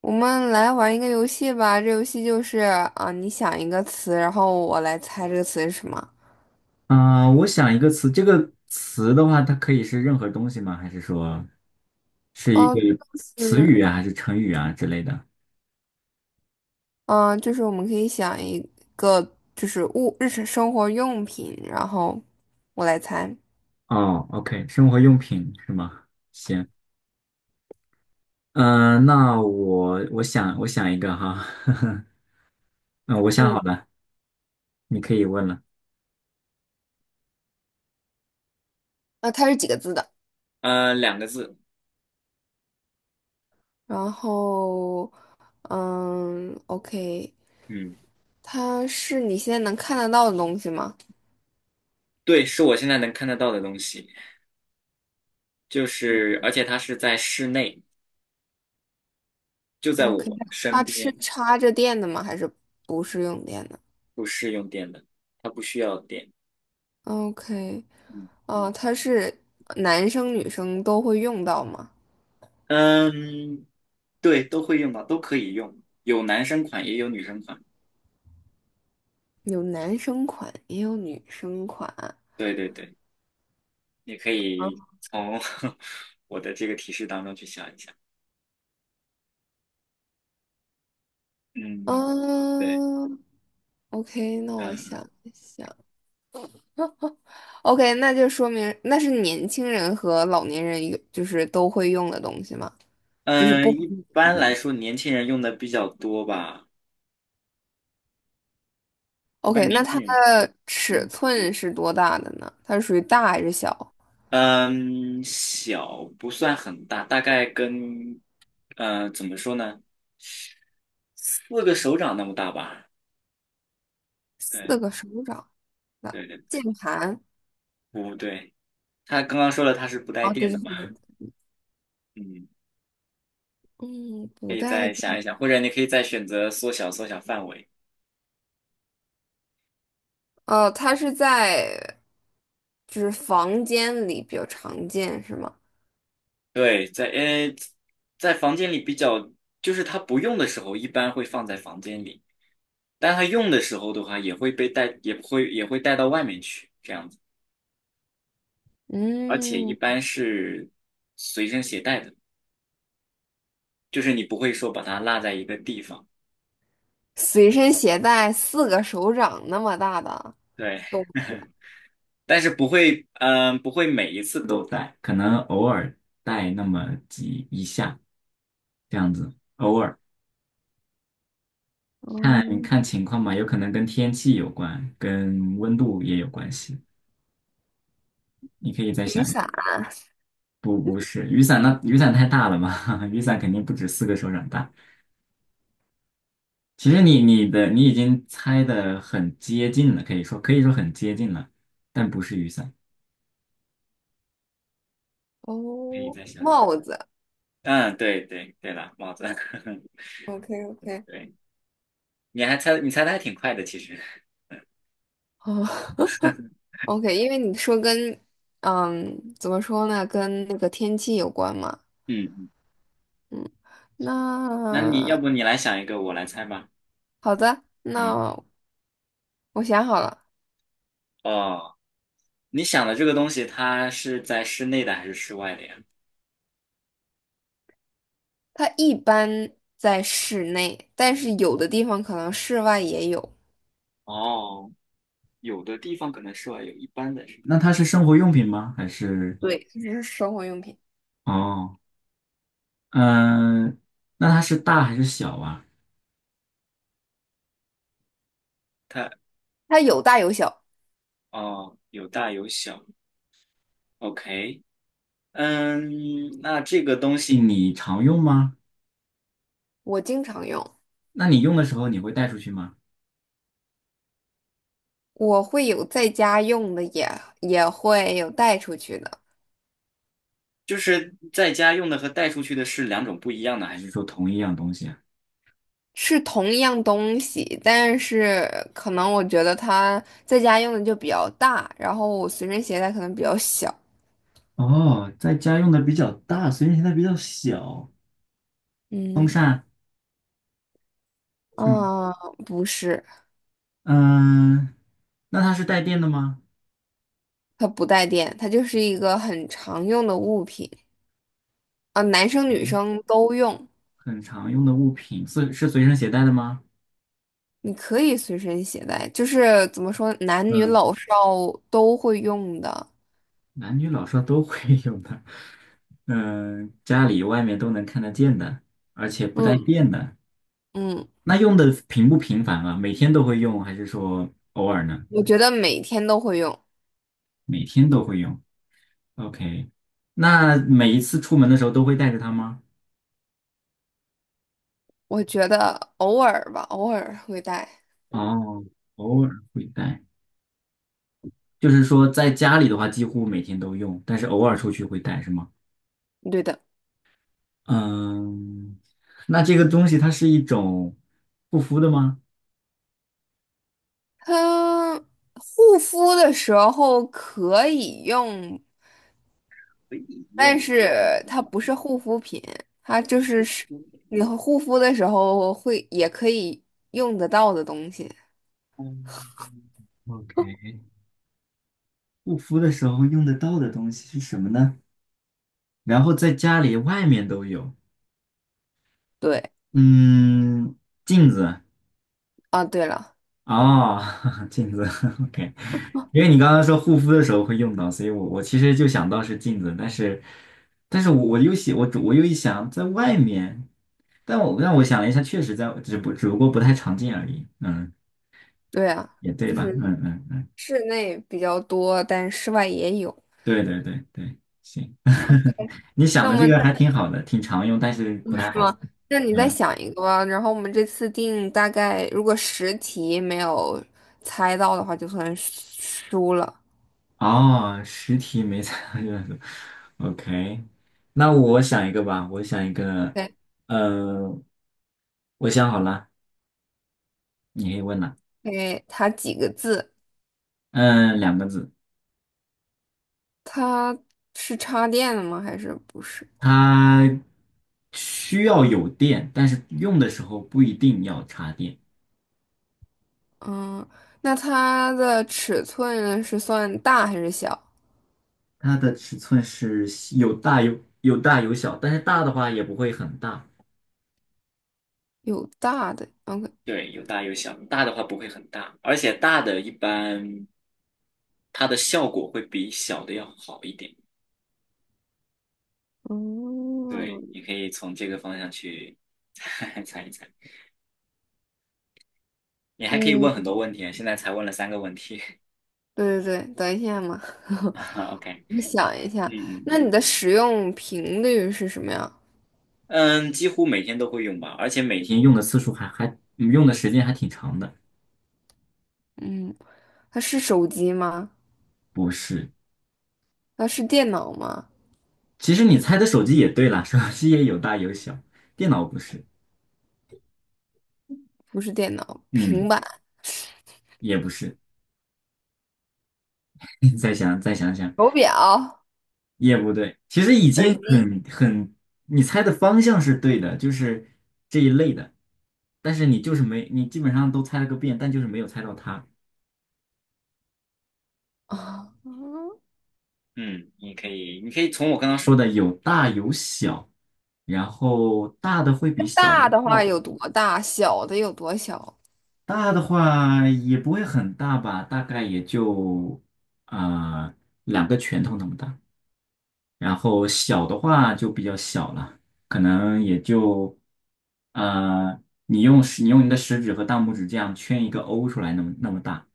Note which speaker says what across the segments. Speaker 1: 我们来玩一个游戏吧，这游戏就是你想一个词，然后我来猜这个词是什么。
Speaker 2: 啊，我想一个词，这个词的话，它可以是任何东西吗？还是说是一
Speaker 1: 哦，
Speaker 2: 个
Speaker 1: 就
Speaker 2: 词语
Speaker 1: 是
Speaker 2: 啊，还是成语啊之类的？
Speaker 1: 我们可以想一个就是物日常生活用品，然后我来猜。
Speaker 2: 哦，OK，生活用品是吗？行，那我想一个哈，嗯、我想
Speaker 1: 嗯，
Speaker 2: 好了，你可以问了。
Speaker 1: 它是几个字的？
Speaker 2: 呃，两个字，
Speaker 1: 然后OK,
Speaker 2: 嗯，
Speaker 1: 它是你现在能看得到的东西吗
Speaker 2: 对，是我现在能看得到的东西，就是而且它是在室内，就在
Speaker 1: ？OK,
Speaker 2: 我身
Speaker 1: 它是
Speaker 2: 边，
Speaker 1: 插着电的吗？还是不是用电的
Speaker 2: 不是用电的，它不需要电。
Speaker 1: ？OK,
Speaker 2: 嗯，
Speaker 1: 哦，它是男生女生都会用到吗？
Speaker 2: 嗯对，都会用到，都可以用，有男生款也有女生款。
Speaker 1: 有男生款，也有女生款。
Speaker 2: 对对对，你可以
Speaker 1: 啊，
Speaker 2: 从 我的这个提示当中去想一想。嗯，对，
Speaker 1: 嗯，OK,那
Speaker 2: 嗯
Speaker 1: 我想一想，OK,那就说明那是年轻人和老年人有，就是都会用的东西嘛，就是
Speaker 2: 嗯，
Speaker 1: 不
Speaker 2: 一
Speaker 1: 分年
Speaker 2: 般来
Speaker 1: 龄。
Speaker 2: 说年轻人用的比较多吧，一般
Speaker 1: OK,那
Speaker 2: 年
Speaker 1: 它
Speaker 2: 轻人，
Speaker 1: 的尺
Speaker 2: 嗯
Speaker 1: 寸是多大的呢？它是属于大还是小？
Speaker 2: 嗯，小不算很大，大概跟怎么说呢，四个手掌那么大吧。
Speaker 1: 四
Speaker 2: 对
Speaker 1: 个手掌的
Speaker 2: 对对对，
Speaker 1: 键盘。
Speaker 2: 不对，他刚刚说了他是不带
Speaker 1: 哦，对
Speaker 2: 电
Speaker 1: 对
Speaker 2: 的嘛，
Speaker 1: 对，对对，
Speaker 2: 嗯。
Speaker 1: 嗯，
Speaker 2: 可
Speaker 1: 不
Speaker 2: 以
Speaker 1: 带。
Speaker 2: 再想一想，或者你可以再选择缩小范围。
Speaker 1: 哦，它是在就是房间里比较常见是吗？
Speaker 2: 对，在房间里比较，就是它不用的时候，一般会放在房间里，但它用的时候的话，也会被带，也不会也会带到外面去这样子，而且一
Speaker 1: 嗯，
Speaker 2: 般是随身携带的，就是你不会说把它落在一个地方。
Speaker 1: 随身携带四个手掌那么大的
Speaker 2: 对，
Speaker 1: 东西，
Speaker 2: 但是不会，不会每一次都带，可能偶尔带那么几一下这样子，偶尔。看
Speaker 1: 嗯，
Speaker 2: 看情况吧，有可能跟天气有关，跟温度也有关系。你可以再
Speaker 1: 雨
Speaker 2: 想一想，
Speaker 1: 伞。
Speaker 2: 不是雨伞那雨伞太大了嘛，雨伞肯定不止四个手掌大。其实你已经猜的很接近了，可以说很接近了，但不是雨伞。可以
Speaker 1: 哦，
Speaker 2: 再想想。
Speaker 1: 帽子
Speaker 2: 嗯，对对对了，帽子。
Speaker 1: ，OK OK,
Speaker 2: 对，你猜的还挺快的，其实。
Speaker 1: 哦 OK,因为你说跟嗯怎么说呢，跟那个天气有关嘛。
Speaker 2: 嗯嗯，那你要
Speaker 1: 那
Speaker 2: 不你来想一个，我来猜吧。
Speaker 1: 好的，
Speaker 2: 嗯，
Speaker 1: 那我想好了，
Speaker 2: 哦，你想的这个东西，它是在室内的还是室外的呀？
Speaker 1: 它一般在室内，但是有的地方可能室外也有。
Speaker 2: 哦，有的地方可能室外有一般的是那它是生活用品吗？还是
Speaker 1: 对，这只是生活用品，
Speaker 2: 哦，嗯、那它是大还是小啊？它
Speaker 1: 它有大有小，
Speaker 2: 哦，有大有小。OK,嗯，那这个东西你常用吗？
Speaker 1: 我经常用，
Speaker 2: 那你用的时候你会带出去吗？
Speaker 1: 我会有在家用的也，也会有带出去的，
Speaker 2: 就是在家用的和带出去的是两种不一样的，还是说同一样东西啊？
Speaker 1: 是同一样东西，但是可能我觉得它在家用的就比较大，然后我随身携带可能比较小。
Speaker 2: 哦，在家用的比较大，所以现在比较小。风
Speaker 1: 嗯，
Speaker 2: 扇是吗？
Speaker 1: 啊，不是，
Speaker 2: 嗯、那它是带电的吗？
Speaker 1: 它不带电，它就是一个很常用的物品啊，男生女
Speaker 2: 哎
Speaker 1: 生都用，
Speaker 2: 很常用的物品是随身携带的吗？
Speaker 1: 你可以随身携带，就是怎么说，男女
Speaker 2: 嗯，
Speaker 1: 老少都会用的。
Speaker 2: 男女老少都会有的，嗯，家里外面都能看得见的，而且不带
Speaker 1: 嗯
Speaker 2: 电的。
Speaker 1: 嗯，
Speaker 2: 那用的频不频繁啊？每天都会用，还是说偶尔呢？
Speaker 1: 我觉得每天都会用，
Speaker 2: 每天都会用。OK,那每一次出门的时候都会带着它吗？
Speaker 1: 我觉得偶尔吧，偶尔会带。
Speaker 2: 哦，偶尔会带，就是说在家里的话几乎每天都用，但是偶尔出去会带，是吗？
Speaker 1: 对的。
Speaker 2: 嗯，那这个东西它是一种护肤的吗？
Speaker 1: 它护肤的时候可以用，但是它不是护肤品，它就是你护肤的时候也可以用得到的东西。
Speaker 2: ？OK,护肤的时候用得到的东西是什么呢？然后在家里、外面都有。
Speaker 1: 对
Speaker 2: 嗯，镜子
Speaker 1: 啊，对了，
Speaker 2: 哦，镜子。OK,因为你刚刚说护肤的时候会用到，所以我其实就想到是镜子，但是，但是我一想在外面，但我想了一下，确实在只不过不太常见而已。嗯，
Speaker 1: 对啊，
Speaker 2: 也对
Speaker 1: 就
Speaker 2: 吧？
Speaker 1: 是
Speaker 2: 嗯嗯。
Speaker 1: 室内比较多，但室外也有。
Speaker 2: 对对对对，行，
Speaker 1: OK,
Speaker 2: 你想
Speaker 1: 那我
Speaker 2: 的这
Speaker 1: 们
Speaker 2: 个还挺好的，挺常用，但是
Speaker 1: 哦
Speaker 2: 不太
Speaker 1: 是
Speaker 2: 好猜。
Speaker 1: 吗？那你再
Speaker 2: 嗯，
Speaker 1: 想一个吧。然后我们这次定大概，如果10题没有猜到的话，就算输了。
Speaker 2: 哦，实体没猜到 o k 那我想一个吧，我想一个，
Speaker 1: OK,
Speaker 2: 呃，我想好了，你可以问了。
Speaker 1: 诶它几个字？
Speaker 2: 嗯，两个字，
Speaker 1: 它是插电的吗？还是不是？
Speaker 2: 它需要有电，但是用的时候不一定要插电。
Speaker 1: 嗯，那它的尺寸是算大还是小？
Speaker 2: 它的尺寸是有小，但是大的话也不会很大。
Speaker 1: 有大的，OK,
Speaker 2: 对，有大有小，大的话不会很大，而且大的一般它的效果会比小的要好一点。对，
Speaker 1: 嗯
Speaker 2: 你可以从这个方向去 猜一猜。你还可以
Speaker 1: 嗯，
Speaker 2: 问很多问题啊现在才问了三个问题。
Speaker 1: 对对对，等一下嘛，
Speaker 2: 啊 OK,
Speaker 1: 我想一
Speaker 2: 嗯
Speaker 1: 下。那
Speaker 2: 嗯
Speaker 1: 你的使用频率是什么呀？
Speaker 2: 嗯，几乎每天都会用吧，而且每天用的次数用的时间还挺长的。
Speaker 1: 嗯，它是手机吗？
Speaker 2: 不是，
Speaker 1: 它是电脑吗？
Speaker 2: 其实你猜的手机也对啦，手机也有大有小，电脑不是，
Speaker 1: 不是电脑，平
Speaker 2: 嗯，
Speaker 1: 板、
Speaker 2: 也不是。再想想。
Speaker 1: 手表、
Speaker 2: 也不对，其实已
Speaker 1: 耳
Speaker 2: 经
Speaker 1: 机
Speaker 2: 很很，你猜的方向是对的，就是这一类的，但是你就是没，你基本上都猜了个遍，但就是没有猜到它。
Speaker 1: 啊。嗯，
Speaker 2: 嗯，你可以从我刚刚说的有大有小，然后大的会比小的
Speaker 1: 大的
Speaker 2: 效
Speaker 1: 话
Speaker 2: 果
Speaker 1: 有多大？小的有多小？
Speaker 2: 大的话也不会很大吧，大概也就啊、呃两个拳头那么大。然后小的话就比较小了，可能也就，呃，你用你的食指和大拇指这样圈一个 O 出来，那么大。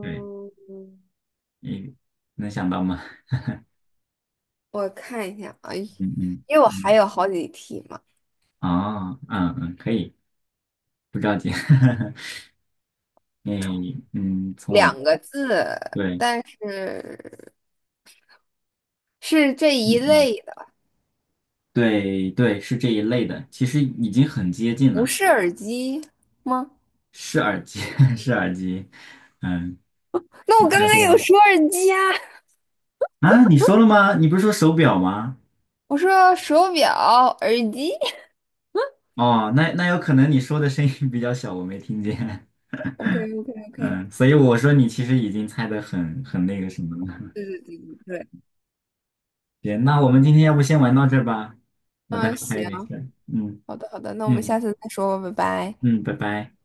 Speaker 2: 对，你能想到吗？
Speaker 1: 我看一下啊，因
Speaker 2: 嗯嗯
Speaker 1: 为我还
Speaker 2: 嗯，
Speaker 1: 有好几题嘛，
Speaker 2: 啊，嗯嗯，可以，不着急。你嗯，从我
Speaker 1: 两
Speaker 2: 的
Speaker 1: 个字，
Speaker 2: 对，
Speaker 1: 但是是这
Speaker 2: 嗯
Speaker 1: 一
Speaker 2: 嗯，
Speaker 1: 类的，
Speaker 2: 对对，是这一类的，其实已经很接近
Speaker 1: 不
Speaker 2: 了，
Speaker 1: 是耳机吗？
Speaker 2: 是耳机，是耳机，嗯，
Speaker 1: 那
Speaker 2: 你
Speaker 1: 我刚
Speaker 2: 猜
Speaker 1: 刚
Speaker 2: 对
Speaker 1: 有
Speaker 2: 了
Speaker 1: 说耳机啊，
Speaker 2: 啊，你说了吗？你不是说手表吗？
Speaker 1: 我说手表、耳机。
Speaker 2: 哦，那那有可能你说的声音比较小，我没听见。
Speaker 1: OK OK OK,
Speaker 2: 嗯，所以我说你其实已经猜得很很那个什么了。
Speaker 1: 对对对对，
Speaker 2: 行，那我们今天要不先玩到这儿吧，我待会
Speaker 1: 嗯，
Speaker 2: 儿还有点
Speaker 1: 行，
Speaker 2: 事儿。嗯
Speaker 1: 好的，好的，那我们
Speaker 2: 嗯
Speaker 1: 下次再说吧，拜拜。
Speaker 2: 嗯，拜拜。